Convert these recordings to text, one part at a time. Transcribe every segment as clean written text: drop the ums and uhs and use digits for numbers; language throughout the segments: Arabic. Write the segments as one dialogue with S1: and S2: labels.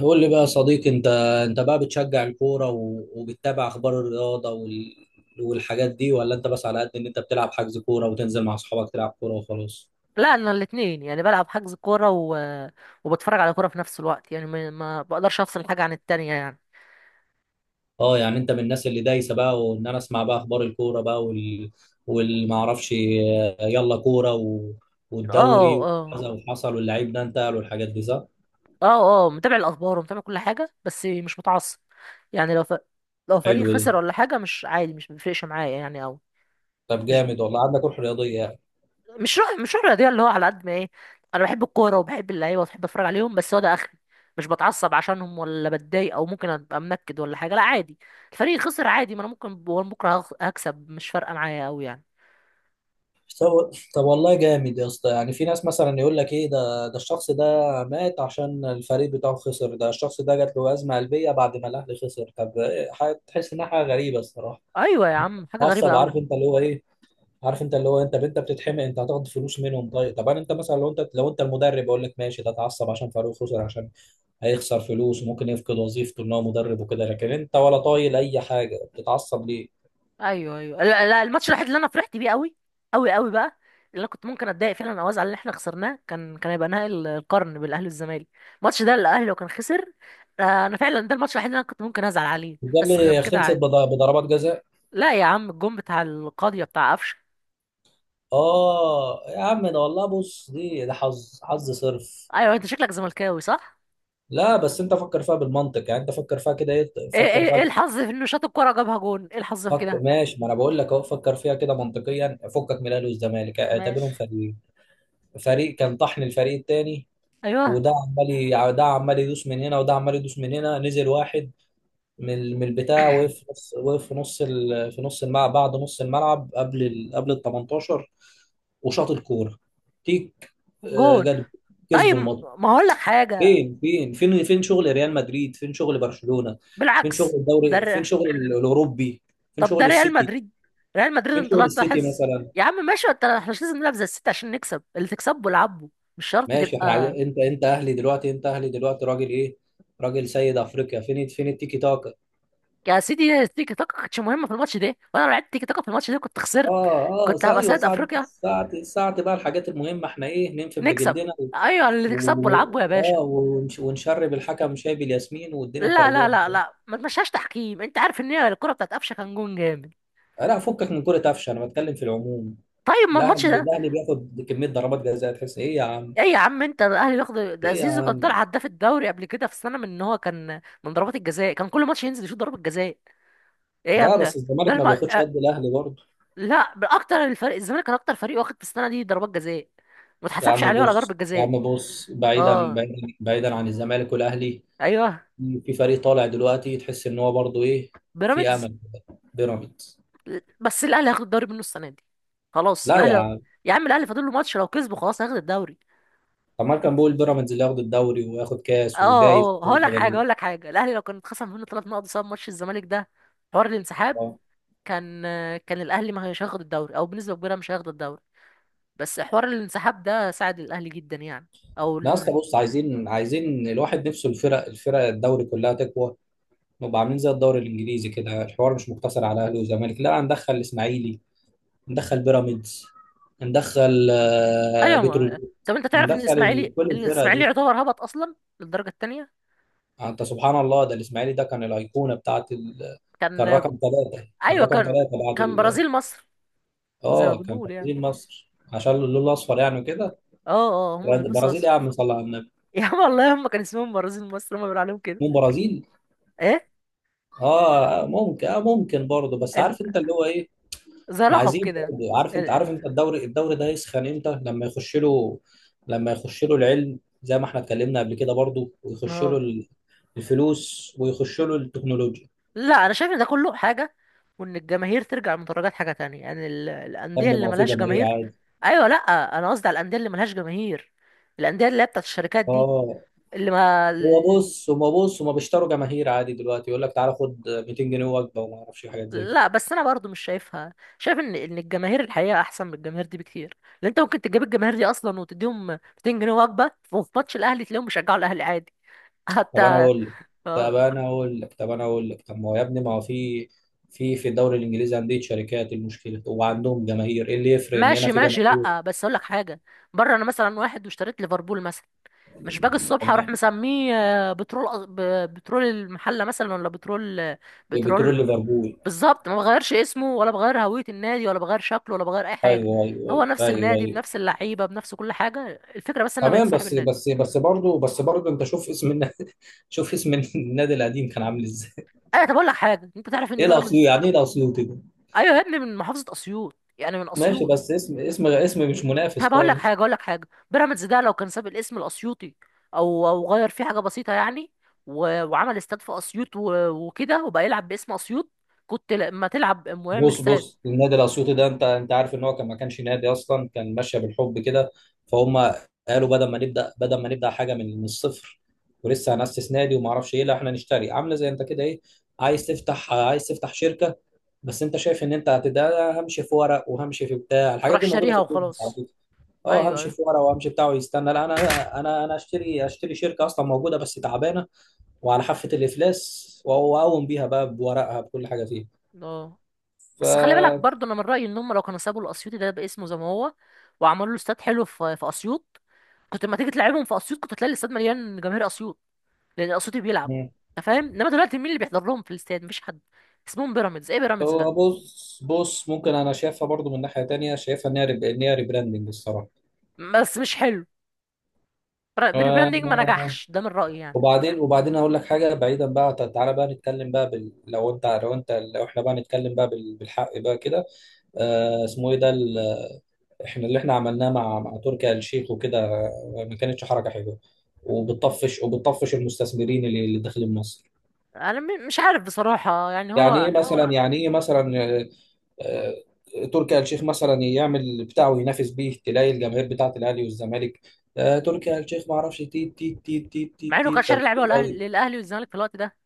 S1: قول لي بقى يا صديقي انت. انت بقى بتشجع الكوره وبتتابع اخبار الرياضه والحاجات دي، ولا انت بس على قد ان انت بتلعب حجز كوره وتنزل مع اصحابك تلعب كوره وخلاص؟
S2: لا، انا الاثنين يعني بلعب حجز كوره و... وبتفرج على كوره في نفس الوقت، يعني ما بقدرش افصل حاجه عن التانية يعني.
S1: اه، يعني انت من الناس اللي دايسه بقى، وان انا اسمع بقى اخبار الكوره بقى والمعرفش، يلا كوره
S2: اه،
S1: والدوري
S2: اه،
S1: وكذا، وحصل واللعيب ده انتقل والحاجات دي، صح؟
S2: اه، اه، متابع الاخبار ومتابع كل حاجه، بس مش متعصب. يعني لو فريق
S1: حلو
S2: خسر
S1: ده.
S2: ولا حاجه مش عادي، مش بيفرقش معايا يعني، او
S1: طب
S2: مش
S1: جامد والله، عندك روح رياضيه يعني.
S2: مش روح رياضيه اللي هو على قد ما ايه. انا بحب الكوره وبحب اللعيبه وبحب اتفرج عليهم، بس هو ده اخري. مش بتعصب عشانهم ولا بتضايق، او ممكن ابقى منكد ولا حاجه، لا عادي. الفريق خسر عادي، ما انا ممكن بكره هكسب، مش فارقه معايا قوي يعني.
S1: طب والله جامد يا اسطى، يعني في ناس مثلا يقول لك ايه، ده الشخص ده مات عشان الفريق بتاعه خسر، ده الشخص ده جات له ازمه قلبيه بعد ما الاهلي خسر. طب إيه، تحس انها حاجه غريبه الصراحه.
S2: ايوه يا عم، حاجه غريبه
S1: معصب،
S2: قوي.
S1: عارف انت اللي هو ايه عارف انت اللي هو انت بتتحمق، انت هتاخد فلوس منهم؟ طيب، طب انا انت مثلا، لو انت المدرب، اقول لك ماشي، ده اتعصب عشان فريقه خسر عشان هيخسر فلوس وممكن يفقد وظيفته ان هو مدرب وكده، لكن انت ولا طايل اي حاجه، بتتعصب ليه؟
S2: ايوه، ايوه، لا، لا، الماتش الوحيد اللي انا فرحت بيه قوي قوي قوي بقى، اللي انا كنت ممكن اتضايق فعلا او ازعل ان احنا خسرناه، كان هيبقى نهائي القرن بالاهلي والزمالك. الماتش ده الاهلي لو كان خسر، انا فعلا ده الماتش الوحيد اللي انا كنت ممكن ازعل عليه،
S1: ده
S2: بس غير
S1: اللي
S2: كده
S1: خلصت
S2: عادي.
S1: بضربات جزاء.
S2: لا يا عم، الجون بتاع القاضيه بتاع قفشه.
S1: اه يا عم، ده والله، بص، ده حظ صرف.
S2: ايوه، انت شكلك زملكاوي صح؟
S1: لا بس انت فكر فيها بالمنطق، يعني انت فكر فيها كده، ايه،
S2: ايه
S1: فكر
S2: ايه
S1: فيها،
S2: ايه، الحظ في انه شاط الكوره جابها جون، ايه الحظ في
S1: فكر،
S2: كده؟
S1: ماشي؟ ما انا بقول لك اهو، فكر فيها كده منطقيا، فكك من الاهلي والزمالك، اعتبرهم
S2: ماشي.
S1: فريقين. فريق كان طحن الفريق التاني،
S2: ايوه.
S1: ده عمال يدوس من هنا وده عمال يدوس من هنا. نزل واحد من البتاع، وقف في نص وقف في نص ال- في نص الملعب، بعد نص الملعب، قبل ال 18 وشاط الكوره. تيك.
S2: جون.
S1: جت،
S2: طيب،
S1: كسبوا الماتش.
S2: ما هقول لك حاجه.
S1: فين شغل ريال مدريد؟ فين شغل برشلونة؟ فين شغل
S2: بالعكس.
S1: الدوري؟ فين
S2: ده
S1: شغل الأوروبي؟ فين
S2: طب ده
S1: شغل
S2: ريال
S1: السيتي؟
S2: مدريد، ريال مدريد
S1: فين
S2: انت
S1: شغل
S2: لا
S1: السيتي
S2: تلاحظ.
S1: مثلا؟
S2: يا عم ماشي، انت احنا مش لازم نلعب زي الست عشان نكسب، اللي تكسبه العبه. مش شرط
S1: ماشي، احنا عايزين
S2: تبقى.
S1: انت اهلي دلوقتي، انت اهلي دلوقتي، راجل سيد افريقيا. فين التيكي تاكا؟
S2: يا سيدي، التيكي تاكا كانتش مهمه في الماتش ده، وانا لو لعبت تيكي تاكا في الماتش ده كنت خسرت.
S1: اه
S2: كنت
S1: اه،
S2: هبقى
S1: ايوه،
S2: سيد
S1: ساعة
S2: افريقيا.
S1: ساعة ساعة بقى، الحاجات المهمة احنا ايه، ننفذ
S2: نكسب.
S1: بجلدنا
S2: ايوه اللي تكسبه
S1: و...
S2: العبه يا باشا.
S1: ونشرب الحكم شاي بالياسمين، والدنيا
S2: لا لا
S1: خربانة.
S2: لا لا، ما تمشيهاش تحكيم، انت عارف ان هي الكره بتاعت قفشه كان جون جامد.
S1: لا، فكك من كرة قفشة، انا بتكلم في العموم.
S2: طيب، ما الماتش
S1: الاهلي
S2: ده.
S1: الاهلي بياخد كمية ضربات جزاء، تحس ايه يا عم؟
S2: ايه يا عم، انت الاهلي بياخد ده؟
S1: إيه
S2: زيزو كان
S1: يا-
S2: طلع هداف الدوري قبل كده في السنه من ان هو كان من ضربات الجزاء، كان كل ماتش ينزل يشوط ضربه جزاء. ايه يا
S1: لا
S2: ابني؟
S1: بس
S2: ده
S1: الزمالك ما
S2: الم...
S1: بياخدش
S2: آه،
S1: قد الاهلي برضه.
S2: لا، اكتر الفريق الزمالك كان اكتر فريق واخد في السنه دي ضربات جزاء، ما
S1: يا
S2: اتحسبش
S1: عم
S2: عليه ولا ضربه
S1: بص يا
S2: جزاء.
S1: عم بص بعيدا،
S2: اه،
S1: بعيدا، بعيدا عن الزمالك والاهلي.
S2: ايوه،
S1: في فريق طالع دلوقتي، تحس ان هو برضه ايه؟ في
S2: بيراميدز.
S1: امل. بيراميدز.
S2: بس الاهلي هياخد الدوري منه السنه دي. خلاص
S1: لا يا
S2: الاهلي.
S1: عم.
S2: يا عم الاهلي فاضل له ماتش، لو كسبه خلاص هياخد الدوري.
S1: طب ما كان بيقول بيراميدز اللي ياخد الدوري وياخد
S2: اه،
S1: كاس ودايس
S2: اه،
S1: كل
S2: هقول لك
S1: حاجه،
S2: حاجه،
S1: ليه؟
S2: هقول لك حاجه، الاهلي لو كان اتخصم منه 3 نقط بسبب ماتش الزمالك ده، حوار الانسحاب،
S1: آه.
S2: كان كان الاهلي ما هيش هياخد الدوري، او بنسبه كبيره مش هياخد الدوري. بس حوار الانسحاب ده ساعد الاهلي جدا يعني، او
S1: لا، اصل
S2: إن.
S1: بص، عايزين الواحد نفسه، الفرق الدوري كلها تقوى. نبقى عاملين زي الدوري الانجليزي كده، الحوار مش مقتصر على اهلي وزمالك، لا، ندخل الاسماعيلي، ندخل بيراميدز، ندخل
S2: ايوه،
S1: بترول،
S2: ما طب انت تعرف ان الاسماعيلي
S1: كل الفرقه
S2: الاسماعيلي
S1: دي.
S2: يعتبر هبط اصلا للدرجه الثانيه.
S1: انت سبحان الله، ده الاسماعيلي ده كان الايقونه بتاعت،
S2: كان.
S1: كان رقم ثلاثه كان
S2: ايوه
S1: رقم
S2: كان
S1: ثلاثه
S2: كان برازيل مصر. زي ما
S1: اه كان في
S2: بنقول يعني.
S1: برازيل مصر عشان اللون الاصفر يعني وكده.
S2: اه، اه، هم بيلبسوا
S1: برازيل يا
S2: اصفر.
S1: عم، صلى على النبي.
S2: يا عم والله هم كان اسمهم برازيل مصر، هم بيقولوا عليهم كده.
S1: مو برازيل.
S2: ايه.
S1: اه ممكن برضه، بس
S2: إن-
S1: عارف انت اللي هو ايه.
S2: زي
S1: احنا
S2: لقب
S1: عايزين
S2: كده.
S1: برضه، عارف انت
S2: ال-
S1: عارف انت الدوري ده يسخن امتى؟ لما يخش له، لما يخش له العلم، زي ما احنا اتكلمنا قبل كده برضه، ويخش له
S2: اه
S1: الفلوس، ويخش له التكنولوجيا.
S2: لا انا شايف ان ده كله حاجه، وان الجماهير ترجع المدرجات حاجه تانية يعني،
S1: يا
S2: الانديه
S1: ابني، ما
S2: اللي
S1: هو في
S2: ملهاش جماهير.
S1: جماهير.
S2: ايوه، لا انا قصدي على الانديه اللي ملهاش جماهير، الانديه اللي هي بتاعت الشركات دي،
S1: اه،
S2: اللي ما...
S1: بص هما بيشتروا جماهير عادي. دلوقتي يقول لك تعالى خد 200 جنيه وجبه، وما اعرفش إيه، حاجات زي كده.
S2: لا بس انا برضو مش شايفها، شايف ان الجماهير الحقيقه احسن من الجماهير دي بكتير. لان انت ممكن تجيب الجماهير دي اصلا وتديهم 200 جنيه وجبه، وفي ماتش الاهلي تلاقيهم بيشجعوا الاهلي عادي.
S1: طب انا
S2: حتى.
S1: اقول لك طب
S2: اه،
S1: انا اقول لك طب انا اقول لك، طب ما هو يا ابني، ما هو في في في الدوري الانجليزي عندي شركات المشكله وعندهم جماهير، ايه اللي يفرق ان هنا
S2: ماشي
S1: في
S2: ماشي،
S1: جماهير؟
S2: لا بس اقول لك حاجه. بره انا مثلا واحد واشتريت ليفربول مثلا، مش باجي الصبح اروح
S1: كمان،
S2: مسميه بترول بترول المحله مثلا، ولا بترول
S1: بترول
S2: بترول.
S1: ليفربول.
S2: بالظبط، ما بغيرش اسمه ولا بغير هويه النادي ولا بغير شكله ولا بغير اي حاجه.
S1: ايوه، ايوه،
S2: هو نفس
S1: ايوه،
S2: النادي
S1: ايوه،
S2: بنفس اللعيبه بنفس كل حاجه. الفكره بس ان انا بقيت
S1: تمام،
S2: صاحب
S1: بس
S2: النادي.
S1: بس بس برضه بس برضه انت شوف اسم النادي شوف اسم النادي القديم كان عامل ازاي.
S2: ايوه، طب اقول لك حاجه، انت تعرف ان
S1: ايه الاسيوط
S2: بيراميدز...
S1: يعني ايه الاسيوط ده؟
S2: ايوه يا ابني، من محافظه اسيوط يعني، من
S1: ماشي،
S2: اسيوط.
S1: بس اسم مش منافس
S2: طب اقول لك حاجه،
S1: خالص.
S2: اقول لك حاجه، بيراميدز ده لو كان ساب الاسم الاسيوطي، او غير فيه حاجه بسيطه يعني، و... وعمل استاد في اسيوط، و... وكده وبقى يلعب باسم اسيوط، كنت لما تلعب ويعمل
S1: بص
S2: استاد
S1: بص، النادي الاسيوطي ده، انت عارف ان هو ما كانش نادي اصلا، كان ماشيه بالحب كده فهم. قالوا بدل ما نبدا، حاجه من الصفر، ولسه هنأسس نادي وما اعرفش ايه، لا احنا نشتري، عامله زي انت كده، ايه، عايز تفتح شركه. بس انت شايف ان انت هتبدا همشي في ورق، وهمشي في بتاع، الحاجات
S2: تروح
S1: دي موجوده في
S2: شاريها
S1: البيزنس على
S2: وخلاص.
S1: فكره. اه،
S2: ايوه،
S1: همشي
S2: ايوه.
S1: في ورق، وهمشي بتاع، ويستنى، لا، انا اشتري شركه اصلا موجوده بس تعبانه، وعلى حافه الافلاس، واقوم بيها بقى بورقها بكل حاجه فيها.
S2: اه،
S1: ف
S2: بس خلي بالك برضه، انا من رايي ان هم لو كانوا سابوا الاسيوطي ده باسمه زي ما هو، وعملوا له استاد حلو في اسيوط، كنت لما تيجي تلعبهم في اسيوط كنت تلاقي الاستاد مليان جماهير اسيوط، لان صوتي بيلعب. انت فاهم، انما دلوقتي مين اللي بيحضر لهم في الاستاد؟ مفيش حد. اسمهم بيراميدز، ايه بيراميدز ده؟
S1: هو بص بص، ممكن انا شايفها برضو من ناحيه تانية، شايفها ان هي ريبراندنج الصراحه.
S2: بس مش حلو، بريبراندينج ما
S1: آه،
S2: نجحش، ده من رايي يعني.
S1: وبعدين اقول لك حاجه، بعيدا بقى، تعالى بقى نتكلم بقى بال... لو انت لو انت لو احنا بقى نتكلم بقى بالحق بقى كده. اسمه ايه ده، احنا اللي عملناه مع تركي آل الشيخ وكده، ما كانتش حركه حلوه، وبتطفش المستثمرين اللي داخلين مصر.
S2: انا مش عارف بصراحه يعني، هو
S1: يعني ايه مثلا، آه، تركي آل الشيخ مثلا يعمل اللي بتاعه ينافس بيه، تلاقي الجماهير بتاعه الاهلي والزمالك. تركي آل الشيخ ما اعرفش، تيت تيت تيت تيت
S2: مع
S1: تيت
S2: انه كان
S1: تيت.
S2: شاري لعيبه للاهلي والزمالك في الوقت ده.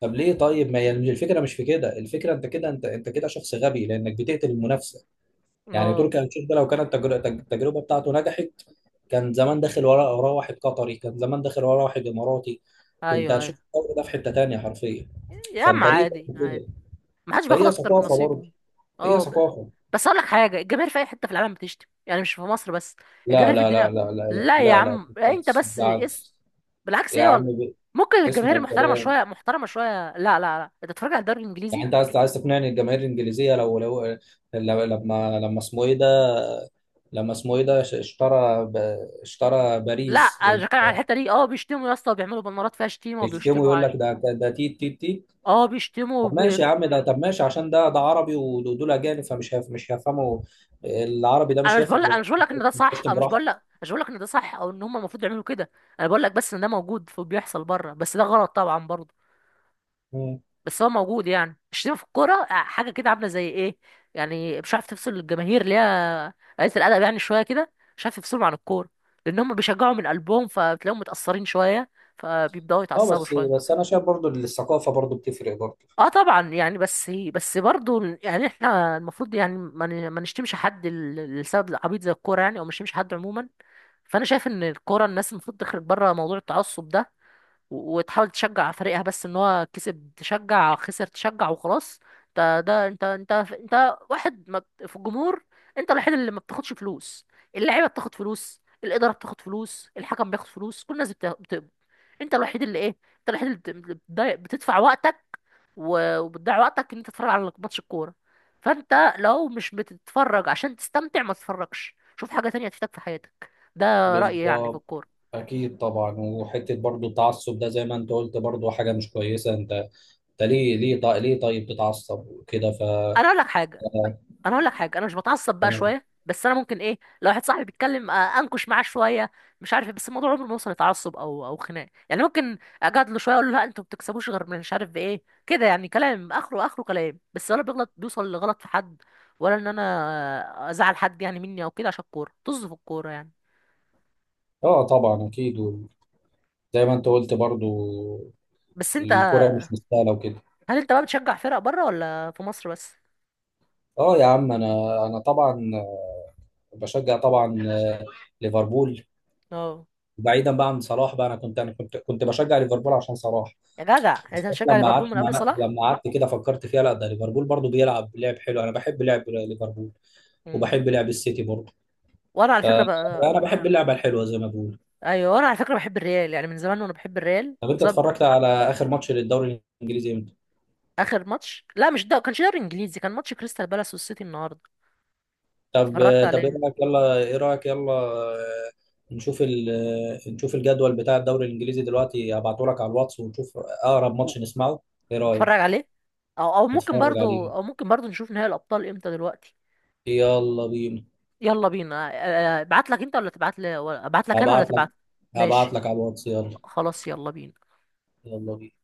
S1: طب ليه طيب، ما هي الفكره مش في كده؟ الفكره انت كده شخص غبي لانك بتقتل المنافسه. يعني
S2: اه.
S1: تركي آل الشيخ ده، لو كانت التجربه بتاعته نجحت، كان زمان داخل وراه واحد قطري، كان زمان داخل وراه واحد اماراتي، كنت
S2: ايوه،
S1: هتشوف
S2: ايوه.
S1: الدوري ده في حته تانيه حرفيا.
S2: يا عم
S1: فانت ليه
S2: عادي
S1: تعمل
S2: عادي،
S1: كده؟
S2: ما حدش بياخد
S1: فهي
S2: اكتر من
S1: ثقافه برضه،
S2: نصيبه.
S1: هي
S2: اه،
S1: ثقافه.
S2: بس اقول لك حاجه، الجماهير في اي حته في العالم بتشتم يعني، مش في مصر بس.
S1: لا،
S2: الجماهير في
S1: لا، لا،
S2: الدنيا.
S1: لا، لا، لا،
S2: لا يا
S1: لا، لا،
S2: عم، انت
S1: بالعكس،
S2: بس.
S1: بالعكس.
S2: بالعكس،
S1: يا
S2: ايه
S1: عم،
S2: والله. ممكن
S1: اسمع
S2: الجماهير محترمه
S1: الكلام.
S2: شويه، محترمه شويه، لا لا لا، انت بتتفرج على الدوري
S1: يعني
S2: الانجليزي.
S1: انت عايز تقنعني الجماهير الانجليزيه، لو لو- لما لما اسمه ايه ده، لما اسمه ايه ده، اشترى
S2: لا،
S1: باريس.
S2: انا مش بتكلم على الحته دي، اه بيشتموا يا اسطى وبيعملوا بنارات فيها شتيمه
S1: يشتموا،
S2: وبيشتموا
S1: يقول
S2: عادي.
S1: لك ده تيت تيت تيت.
S2: اه بيشتموا
S1: طب ماشي، عشان ده عربي ودول اجانب، مش هيفهموا، العربي ده
S2: انا
S1: مش
S2: مش بقول لك،
S1: هيفهم،
S2: انا مش بقول لك ان ده صح،
S1: بيشتم
S2: انا مش
S1: براحته.
S2: بقول لك، مش بقول لك ان ده صح او ان هم المفروض يعملوا كده. انا بقول لك بس ان ده موجود وبيحصل بره، بس ده غلط طبعا برضه.
S1: مم.
S2: بس هو موجود، يعني الشتيمة في الكورة حاجة كده عاملة زي ايه، يعني مش عارف تفصل الجماهير اللي هي قلة الأدب يعني شوية كده، مش عارف تفصلهم عن الكورة، لأن هم بيشجعوا من قلبهم، فبتلاقيهم متأثرين شوية، فبيبدأوا
S1: اه
S2: يتعصبوا شوية.
S1: بس انا شايف برضو، الثقافه برضو بتفرق برضو.
S2: اه طبعا يعني، بس بس برضو يعني، احنا المفروض يعني ما نشتمش حد لسبب عبيط زي الكورة يعني، او مش نشتمش حد عموما. فانا شايف ان الكورة الناس المفروض تخرج بره موضوع التعصب ده، و- وتحاول تشجع فريقها بس، ان هو كسب تشجع خسر تشجع وخلاص. ده انت واحد ما بت- في الجمهور، انت الوحيد اللي ما بتاخدش فلوس، اللعيبه بتاخد فلوس، الاداره بتاخد فلوس، الحكم بياخد فلوس، كل الناس بتقبض، انت الوحيد اللي ايه، انت الوحيد اللي اللي بتدفع وقتك، و- وبتضيع وقتك ان انت تتفرج على ماتش الكوره. فانت لو مش بتتفرج عشان تستمتع، ما تتفرجش، شوف حاجه تانية تفيدك في حياتك. ده رايي يعني في
S1: بالظبط.
S2: الكوره.
S1: اكيد طبعا، وحته برضو، التعصب ده زي ما انت قلت برضو حاجه مش كويسه. انت، ليه ليه طيب ليه طيب تتعصب وكده.
S2: انا اقول لك حاجه. انا اقول لك حاجه، انا مش بتعصب بقى
S1: تمام.
S2: شويه، بس انا ممكن ايه لو واحد صاحبي بيتكلم انكش معاه شويه، مش عارف إيه، بس الموضوع عمره ما يوصل لتعصب او خناق يعني، ممكن اجادله شويه، اقول له لا انتوا ما بتكسبوش غير من مش عارف بايه كده يعني، كلام اخره اخره كلام بس، ولا بيغلط بيوصل لغلط في حد، ولا ان انا ازعل حد يعني مني او كده عشان الكوره، طز في الكوره يعني.
S1: اه طبعا اكيد، وزي ما انت قلت برضو
S2: بس انت،
S1: الكرة مش مستاهله وكده.
S2: هل انت بقى بتشجع فرق بره ولا في مصر بس؟
S1: اه يا عم، انا طبعا بشجع طبعا، ليفربول.
S2: اه.
S1: بعيدا بقى عن صلاح بقى، انا كنت بشجع ليفربول عشان صلاح.
S2: يا جدع يعني انت
S1: بس
S2: بتشجع ليفربول من قبل صلاح.
S1: لما قعدت كده، فكرت فيها، لا، ده ليفربول برضو بيلعب لعب حلو، انا بحب لعب ليفربول،
S2: مم.
S1: وبحب لعب السيتي برضو،
S2: وانا على فكره
S1: فانا
S2: بقى.
S1: بحب اللعبه الحلوه زي ما بقول.
S2: ايوه انا على فكره بحب الريال يعني من زمان، وانا بحب الريال
S1: طب انت
S2: بسبب...
S1: اتفرجت على اخر ماتش للدوري الانجليزي امتى؟
S2: اخر ماتش لا، مش ده كانش دوري انجليزي، كان ماتش كريستال بالاس والسيتي النهارده.
S1: طب
S2: اتفرجت
S1: طب ايه
S2: عليه.
S1: رايك يلا، آه، نشوف ال... نشوف الجدول بتاع الدوري الانجليزي دلوقتي، ابعته لك على الواتس ونشوف اقرب
S2: و-
S1: ماتش نسمعه، ايه
S2: اتفرج
S1: رايك،
S2: عليه، او او ممكن
S1: نتفرج
S2: برضو
S1: عليه.
S2: او ممكن برضو نشوف نهائي الابطال امتى دلوقتي.
S1: يلا بينا.
S2: يلا بينا. ابعت لك انت ولا تبعت لي، ابعت لك انا ولا
S1: هبعت لك
S2: تبعت.
S1: هبعت
S2: ماشي.
S1: لك على الواتس. يلا،
S2: خلاص يلا بينا.
S1: يلا بينا.